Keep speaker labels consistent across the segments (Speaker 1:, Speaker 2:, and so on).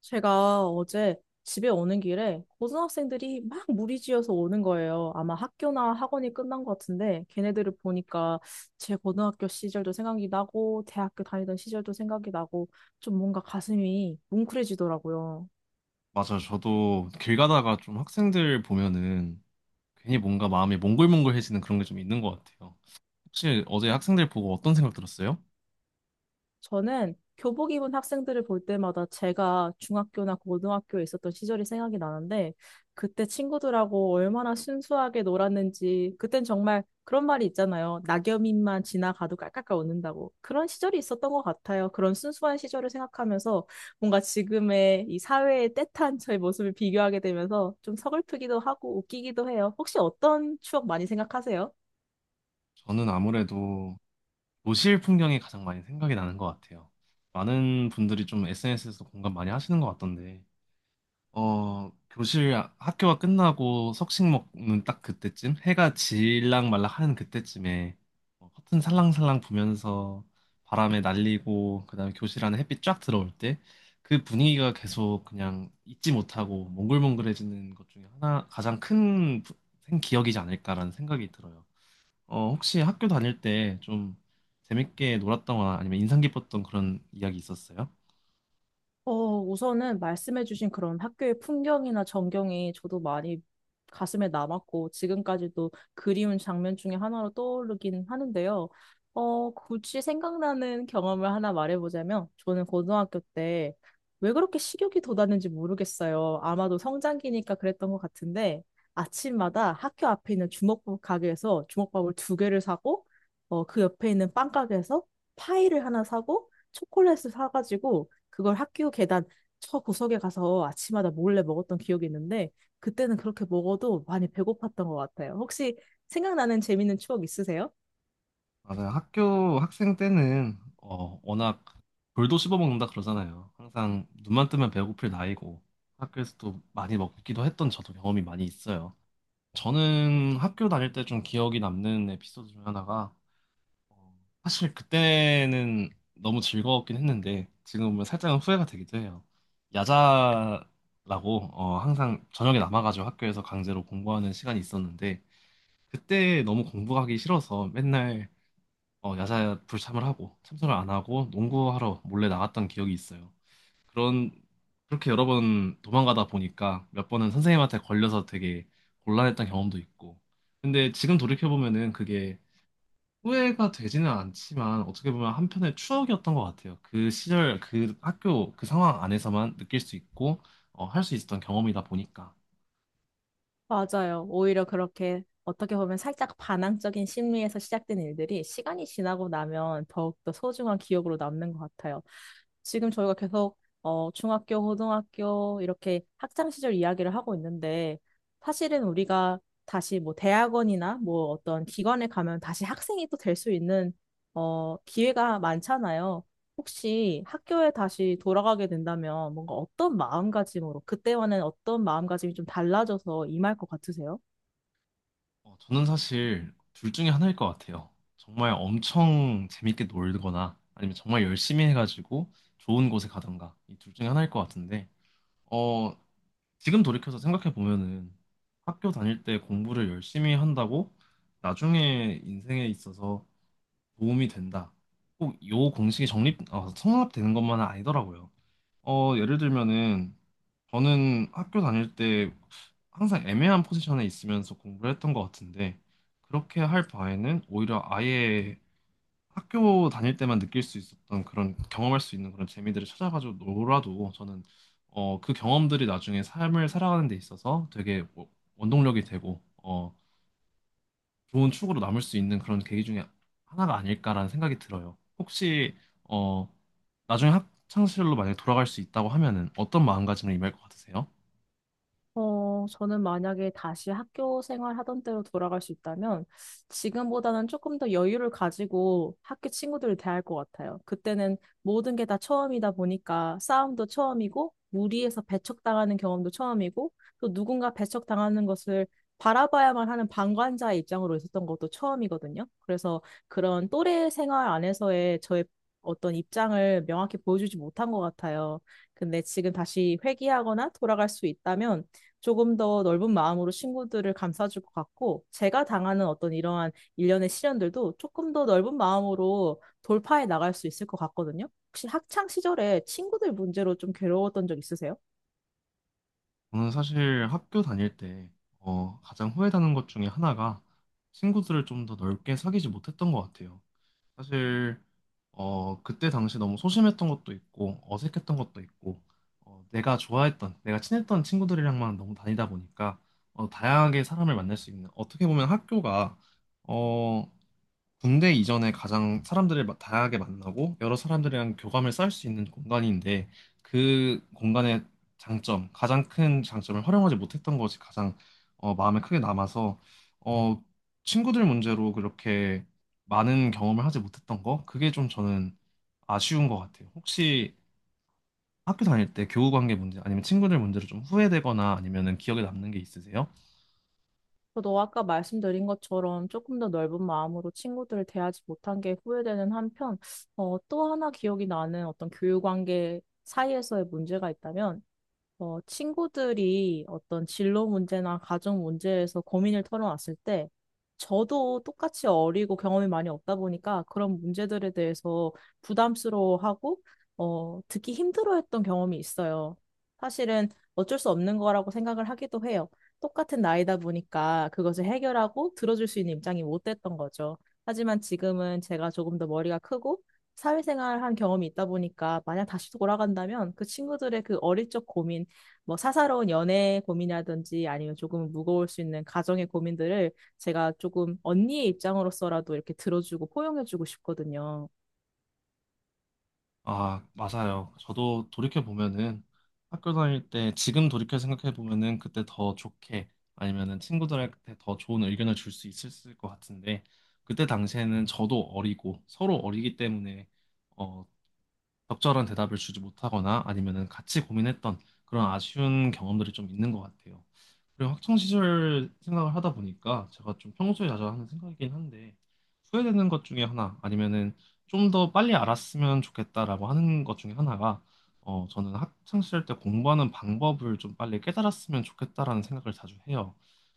Speaker 1: 제가 어제 집에 오는 길에 고등학생들이 막 무리지어서 오는 거예요. 아마 학교나 학원이 끝난 것 같은데 걔네들을 보니까 제 고등학교 시절도 생각이 나고 대학교 다니던 시절도 생각이 나고 좀 뭔가 가슴이 뭉클해지더라고요.
Speaker 2: 맞아요. 저도 길 가다가 좀 학생들 보면은 괜히 뭔가 마음이 몽글몽글해지는 그런 게 좀 있는 것 같아요. 혹시 어제 학생들 보고 어떤 생각 들었어요?
Speaker 1: 저는 교복 입은 학생들을 볼 때마다 제가 중학교나 고등학교에 있었던 시절이 생각이 나는데 그때 친구들하고 얼마나 순수하게 놀았는지 그땐 정말 그런 말이 있잖아요. 낙엽잎만 지나가도 깔깔깔 웃는다고. 그런 시절이 있었던 것 같아요. 그런 순수한 시절을 생각하면서 뭔가 지금의 이 사회의 떼탄 저의 모습을 비교하게 되면서 좀 서글프기도 하고 웃기기도 해요. 혹시 어떤 추억 많이 생각하세요?
Speaker 2: 저는 아무래도 도시 풍경이 가장 많이 생각이 나는 것 같아요. 많은 분들이 좀 SNS에서 공감 많이 하시는 것 같던데, 학교가 끝나고 석식 먹는 딱 그때쯤, 해가 질랑 말락 하는 그때쯤에 커튼 살랑살랑 부면서 바람에 날리고, 그다음에 교실 안에 햇빛 쫙 들어올 때, 그 분위기가 계속 그냥 잊지 못하고 몽글몽글해지는 것 중에 하나, 가장 큰 기억이지 않을까라는 생각이 들어요. 혹시 학교 다닐 때 좀 재밌게 놀았던 거나 아니면 인상 깊었던 그런 이야기 있었어요?
Speaker 1: 우선은 말씀해주신 그런 학교의 풍경이나 전경이 저도 많이 가슴에 남았고, 지금까지도 그리운 장면 중에 하나로 떠오르긴 하는데요. 굳이 생각나는 경험을 하나 말해보자면, 저는 고등학교 때 왜 그렇게 식욕이 돋았는지 모르겠어요. 아마도 성장기니까 그랬던 것 같은데, 아침마다 학교 앞에 있는 주먹밥 가게에서 주먹밥을 두 개를 사고, 그 옆에 있는 빵 가게에서 파이를 하나 사고, 초콜릿을 사가지고, 그걸 학교 계단 저 구석에 가서 아침마다 몰래 먹었던 기억이 있는데 그때는 그렇게 먹어도 많이 배고팠던 것 같아요. 혹시 생각나는 재밌는 추억 있으세요?
Speaker 2: 맞아요. 학교 학생 때는 워낙 돌도 씹어먹는다 그러잖아요. 항상 눈만 뜨면 배고플 나이고, 학교에서도 많이 먹기도 했던 저도 경험이 많이 있어요. 저는 학교 다닐 때 좀 기억이 남는 에피소드 중 하나가, 어, 사실 그때는 너무 즐거웠긴 했는데 지금 보면 살짝은 후회가 되기도 해요. 야자라고 항상 저녁에 남아가지고 학교에서 강제로 공부하는 시간이 있었는데, 그때 너무 공부하기 싫어서 맨날 야자 불참을 하고 참석을 안 하고 농구하러 몰래 나갔던 기억이 있어요. 그런 그렇게 여러 번 도망가다 보니까 몇 번은 선생님한테 걸려서 되게 곤란했던 경험도 있고. 근데 지금 돌이켜 보면은 그게 후회가 되지는 않지만 어떻게 보면 한편의 추억이었던 것 같아요. 그 시절, 그 학교, 그 상황 안에서만 느낄 수 있고 할수 있었던 경험이다 보니까.
Speaker 1: 맞아요. 오히려 그렇게 어떻게 보면 살짝 반항적인 심리에서 시작된 일들이 시간이 지나고 나면 더욱더 소중한 기억으로 남는 것 같아요. 지금 저희가 계속 중학교, 고등학교 이렇게 학창 시절 이야기를 하고 있는데 사실은 우리가 다시 뭐 대학원이나 뭐 어떤 기관에 가면 다시 학생이 또 될 수 있는 기회가 많잖아요. 혹시 학교에 다시 돌아가게 된다면 뭔가 어떤 마음가짐으로, 그때와는 어떤 마음가짐이 좀 달라져서 임할 것 같으세요?
Speaker 2: 저는 사실 둘 중에 하나일 것 같아요. 정말 엄청 재밌게 놀거나 아니면 정말 열심히 해가지고 좋은 곳에 가던가, 이 둘 중에 하나일 것 같은데, 어, 지금 돌이켜서 생각해 보면은, 학교 다닐 때 공부를 열심히 한다고 나중에 인생에 있어서 도움이 된다, 꼭 요 공식이 성립되는 것만은 아니더라고요. 예를 들면은, 저는 학교 다닐 때 항상 애매한 포지션에 있으면서 공부를 했던 것 같은데, 그렇게 할 바에는 오히려 아예 학교 다닐 때만 느낄 수 있었던 그런 경험할 수 있는 그런 재미들을 찾아가지고 놀아도, 저는 그 경험들이 나중에 삶을 살아가는 데 있어서 되게 뭐 원동력이 되고, 좋은 추억으로 남을 수 있는 그런 계기 중에 하나가 아닐까라는 생각이 들어요. 혹시 어 나중에 학창 시절로 만약에 돌아갈 수 있다고 하면은 어떤 마음가짐을 임할 것 같으세요?
Speaker 1: 저는 만약에 다시 학교 생활 하던 때로 돌아갈 수 있다면 지금보다는 조금 더 여유를 가지고 학교 친구들을 대할 것 같아요. 그때는 모든 게 다 처음이다 보니까 싸움도 처음이고 무리해서 배척당하는 경험도 처음이고 또 누군가 배척당하는 것을 바라봐야만 하는 방관자의 입장으로 있었던 것도 처음이거든요. 그래서 그런 또래 생활 안에서의 저의 어떤 입장을 명확히 보여주지 못한 것 같아요. 근데 지금 다시 회귀하거나 돌아갈 수 있다면 조금 더 넓은 마음으로 친구들을 감싸줄 것 같고, 제가 당하는 어떤 이러한 일련의 시련들도 조금 더 넓은 마음으로 돌파해 나갈 수 있을 것 같거든요. 혹시 학창 시절에 친구들 문제로 좀 괴로웠던 적 있으세요?
Speaker 2: 저는 사실 학교 다닐 때 가장 후회되는 것 중에 하나가 친구들을 좀 더 넓게 사귀지 못했던 것 같아요. 사실 그때 당시 너무 소심했던 것도 있고 어색했던 것도 있고, 내가 친했던 친구들이랑만 너무 다니다 보니까, 다양하게 사람을 만날 수 있는, 어떻게 보면 학교가 어, 군대 이전에 가장 사람들을 다양하게 만나고 여러 사람들이랑 교감을 쌓을 수 있는 공간인데, 그 공간의 가장 큰 장점을 활용하지 못했던 것이 가장 마음에 크게 남아서, 어, 친구들 문제로 그렇게 많은 경험을 하지 못했던 거, 그게 좀 저는 아쉬운 것 같아요. 혹시 학교 다닐 때 교우 관계 문제 아니면 친구들 문제로 좀 후회되거나 아니면은 기억에 남는 게 있으세요?
Speaker 1: 저도 아까 말씀드린 것처럼 조금 더 넓은 마음으로 친구들을 대하지 못한 게 후회되는 한편, 또 하나 기억이 나는 어떤 교육 관계 사이에서의 문제가 있다면, 친구들이 어떤 진로 문제나 가정 문제에서 고민을 털어놨을 때, 저도 똑같이 어리고 경험이 많이 없다 보니까 그런 문제들에 대해서 부담스러워하고, 듣기 힘들어했던 경험이 있어요. 사실은 어쩔 수 없는 거라고 생각을 하기도 해요. 똑같은 나이다 보니까 그것을 해결하고 들어줄 수 있는 입장이 못 됐던 거죠. 하지만 지금은 제가 조금 더 머리가 크고, 사회생활 한 경험이 있다 보니까 만약 다시 돌아간다면 그 친구들의 그 어릴 적 고민 뭐 사사로운 연애 고민이라든지 아니면 조금 무거울 수 있는 가정의 고민들을 제가 조금 언니의 입장으로서라도 이렇게 들어주고 포용해주고 싶거든요.
Speaker 2: 아, 맞아요. 저도 돌이켜보면은 학교 다닐 때, 지금 돌이켜 생각해보면은 그때 더 좋게 아니면은 친구들한테 더 좋은 의견을 줄 수 있었을 것 같은데, 그때 당시에는 저도 어리고 서로 어리기 때문에 어, 적절한 대답을 주지 못하거나 아니면은 같이 고민했던, 그런 아쉬운 경험들이 좀 있는 것 같아요. 그리고 학창 시절 생각을 하다 보니까 제가 좀 평소에 자주 하는 생각이긴 한데, 후회되는 것 중에 하나, 아니면은 좀 더 빨리 알았으면 좋겠다라고 하는 것 중에 하나가, 저는 학창 시절 때 공부하는 방법을 좀 빨리 깨달았으면 좋겠다라는 생각을 자주 해요.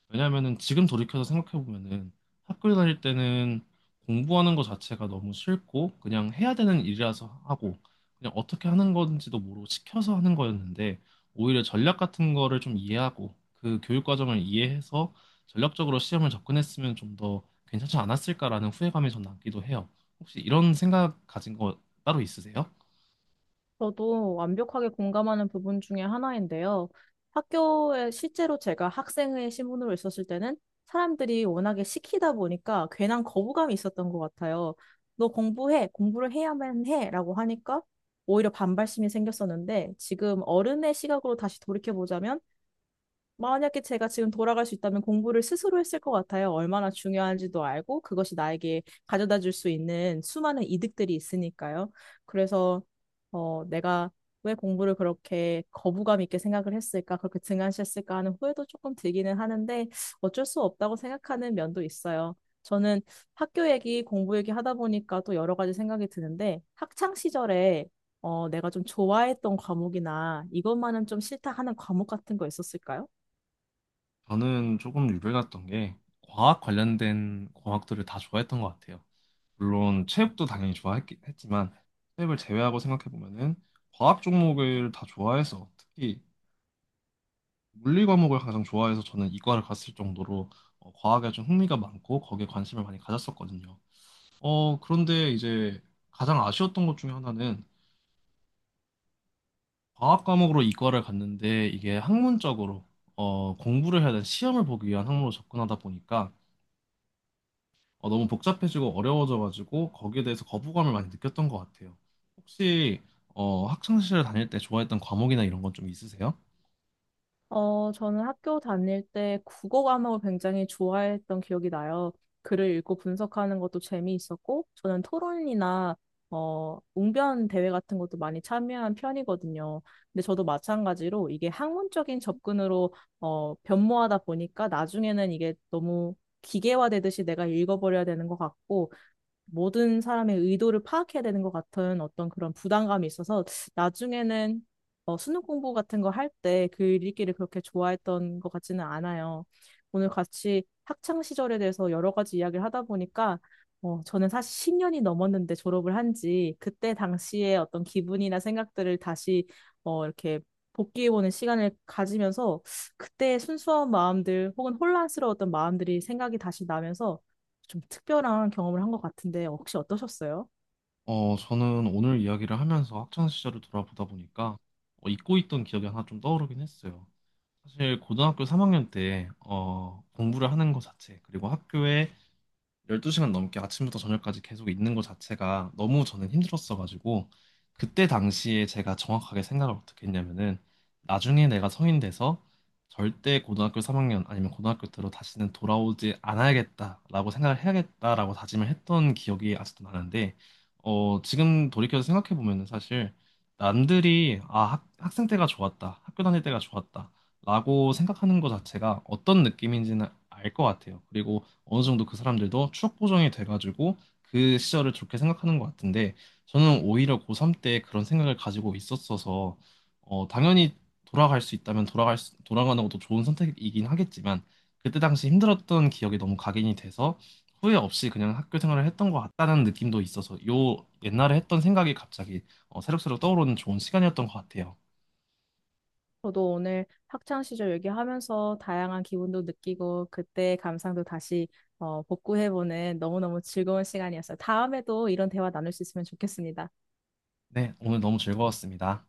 Speaker 2: 왜냐면은 지금 돌이켜서 생각해 보면은, 학교 다닐 때는 공부하는 것 자체가 너무 싫고 그냥 해야 되는 일이라서 하고, 그냥 어떻게 하는 건지도 모르고 시켜서 하는 거였는데, 오히려 전략 같은 거를 좀 이해하고 그 교육 과정을 이해해서 전략적으로 시험을 접근했으면 좀 더 괜찮지 않았을까라는 후회감이 좀 남기도 해요. 혹시 이런 생각 가진 거 따로 있으세요?
Speaker 1: 저도 완벽하게 공감하는 부분 중에 하나인데요. 학교에 실제로 제가 학생의 신분으로 있었을 때는 사람들이 워낙에 시키다 보니까 괜한 거부감이 있었던 것 같아요. 너 공부해, 공부를 해야만 해 라고 하니까 오히려 반발심이 생겼었는데 지금 어른의 시각으로 다시 돌이켜보자면 만약에 제가 지금 돌아갈 수 있다면 공부를 스스로 했을 것 같아요. 얼마나 중요한지도 알고 그것이 나에게 가져다 줄 수 있는 수많은 이득들이 있으니까요. 그래서 내가 왜 공부를 그렇게 거부감 있게 생각을 했을까, 그렇게 등한시했을까 하는 후회도 조금 들기는 하는데 어쩔 수 없다고 생각하는 면도 있어요. 저는 학교 얘기, 공부 얘기 하다 보니까 또 여러 가지 생각이 드는데 학창 시절에 내가 좀 좋아했던 과목이나 이것만은 좀 싫다 하는 과목 같은 거 있었을까요?
Speaker 2: 저는 조금 유별났던 게 과학 관련된 과학들을 다 좋아했던 것 같아요. 물론 체육도 당연히 좋아했지만, 체육을 제외하고 생각해 보면은 과학 종목을 다 좋아해서, 특히 물리 과목을 가장 좋아해서 저는 이과를 갔을 정도로 과학에 좀 흥미가 많고 거기에 관심을 많이 가졌었거든요. 그런데 이제 가장 아쉬웠던 것 중에 하나는, 과학 과목으로 이과를 갔는데 이게 학문적으로, 공부를 해야 되는 시험을 보기 위한 학문으로 접근하다 보니까, 너무 복잡해지고 어려워져가지고 거기에 대해서 거부감을 많이 느꼈던 것 같아요. 혹시 학창시절 다닐 때 좋아했던 과목이나 이런 건 좀 있으세요?
Speaker 1: 저는 학교 다닐 때 국어 과목을 굉장히 좋아했던 기억이 나요. 글을 읽고 분석하는 것도 재미있었고, 저는 토론이나 웅변 대회 같은 것도 많이 참여한 편이거든요. 근데 저도 마찬가지로 이게 학문적인 접근으로 변모하다 보니까 나중에는 이게 너무 기계화되듯이 내가 읽어버려야 되는 것 같고, 모든 사람의 의도를 파악해야 되는 것 같은 어떤 그런 부담감이 있어서 나중에는 수능 공부 같은 거 할 때 글 읽기를 그렇게 좋아했던 것 같지는 않아요. 오늘 같이 학창 시절에 대해서 여러 가지 이야기를 하다 보니까 저는 사실 10년이 넘었는데 졸업을 한지 그때 당시의 어떤 기분이나 생각들을 다시 이렇게 복귀해보는 시간을 가지면서 그때의 순수한 마음들 혹은 혼란스러웠던 마음들이 생각이 다시 나면서 좀 특별한 경험을 한 것 같은데 혹시 어떠셨어요?
Speaker 2: 저는 오늘 이야기를 하면서 학창시절을 돌아보다 보니까 잊고 있던 기억이 하나 좀 떠오르긴 했어요. 사실 고등학교 3학년 때, 공부를 하는 것 자체, 그리고 학교에 12시간 넘게 아침부터 저녁까지 계속 있는 것 자체가 너무 저는 힘들었어가지고, 그때 당시에 제가 정확하게 생각을 어떻게 했냐면은, 나중에 내가 성인 돼서 절대 고등학교 3학년 아니면 고등학교 때로 다시는 돌아오지 않아야겠다라고 생각을 해야겠다라고 다짐을 했던 기억이 아직도 나는데, 지금 돌이켜서 생각해 보면은, 사실 남들이 학생 때가 좋았다, 학교 다닐 때가 좋았다 라고 생각하는 것 자체가 어떤 느낌인지는 알 것 같아요. 그리고 어느 정도 그 사람들도 추억 보정이 돼가지고 그 시절을 좋게 생각하는 것 같은데, 저는 오히려 고3 때 그런 생각을 가지고 있었어서, 당연히 돌아갈 수 있다면 돌아가는 것도 좋은 선택이긴 하겠지만, 그때 당시 힘들었던 기억이 너무 각인이 돼서 후회 없이 그냥 학교 생활을 했던 것 같다는 느낌도 있어서, 요 옛날에 했던 생각이 갑자기 새록새록 떠오르는 좋은 시간이었던 것 같아요.
Speaker 1: 저도 오늘 학창 시절 얘기하면서 다양한 기분도 느끼고 그때 감상도 다시 복구해보는 너무너무 즐거운 시간이었어요. 다음에도 이런 대화 나눌 수 있으면 좋겠습니다.
Speaker 2: 네, 오늘 너무 즐거웠습니다.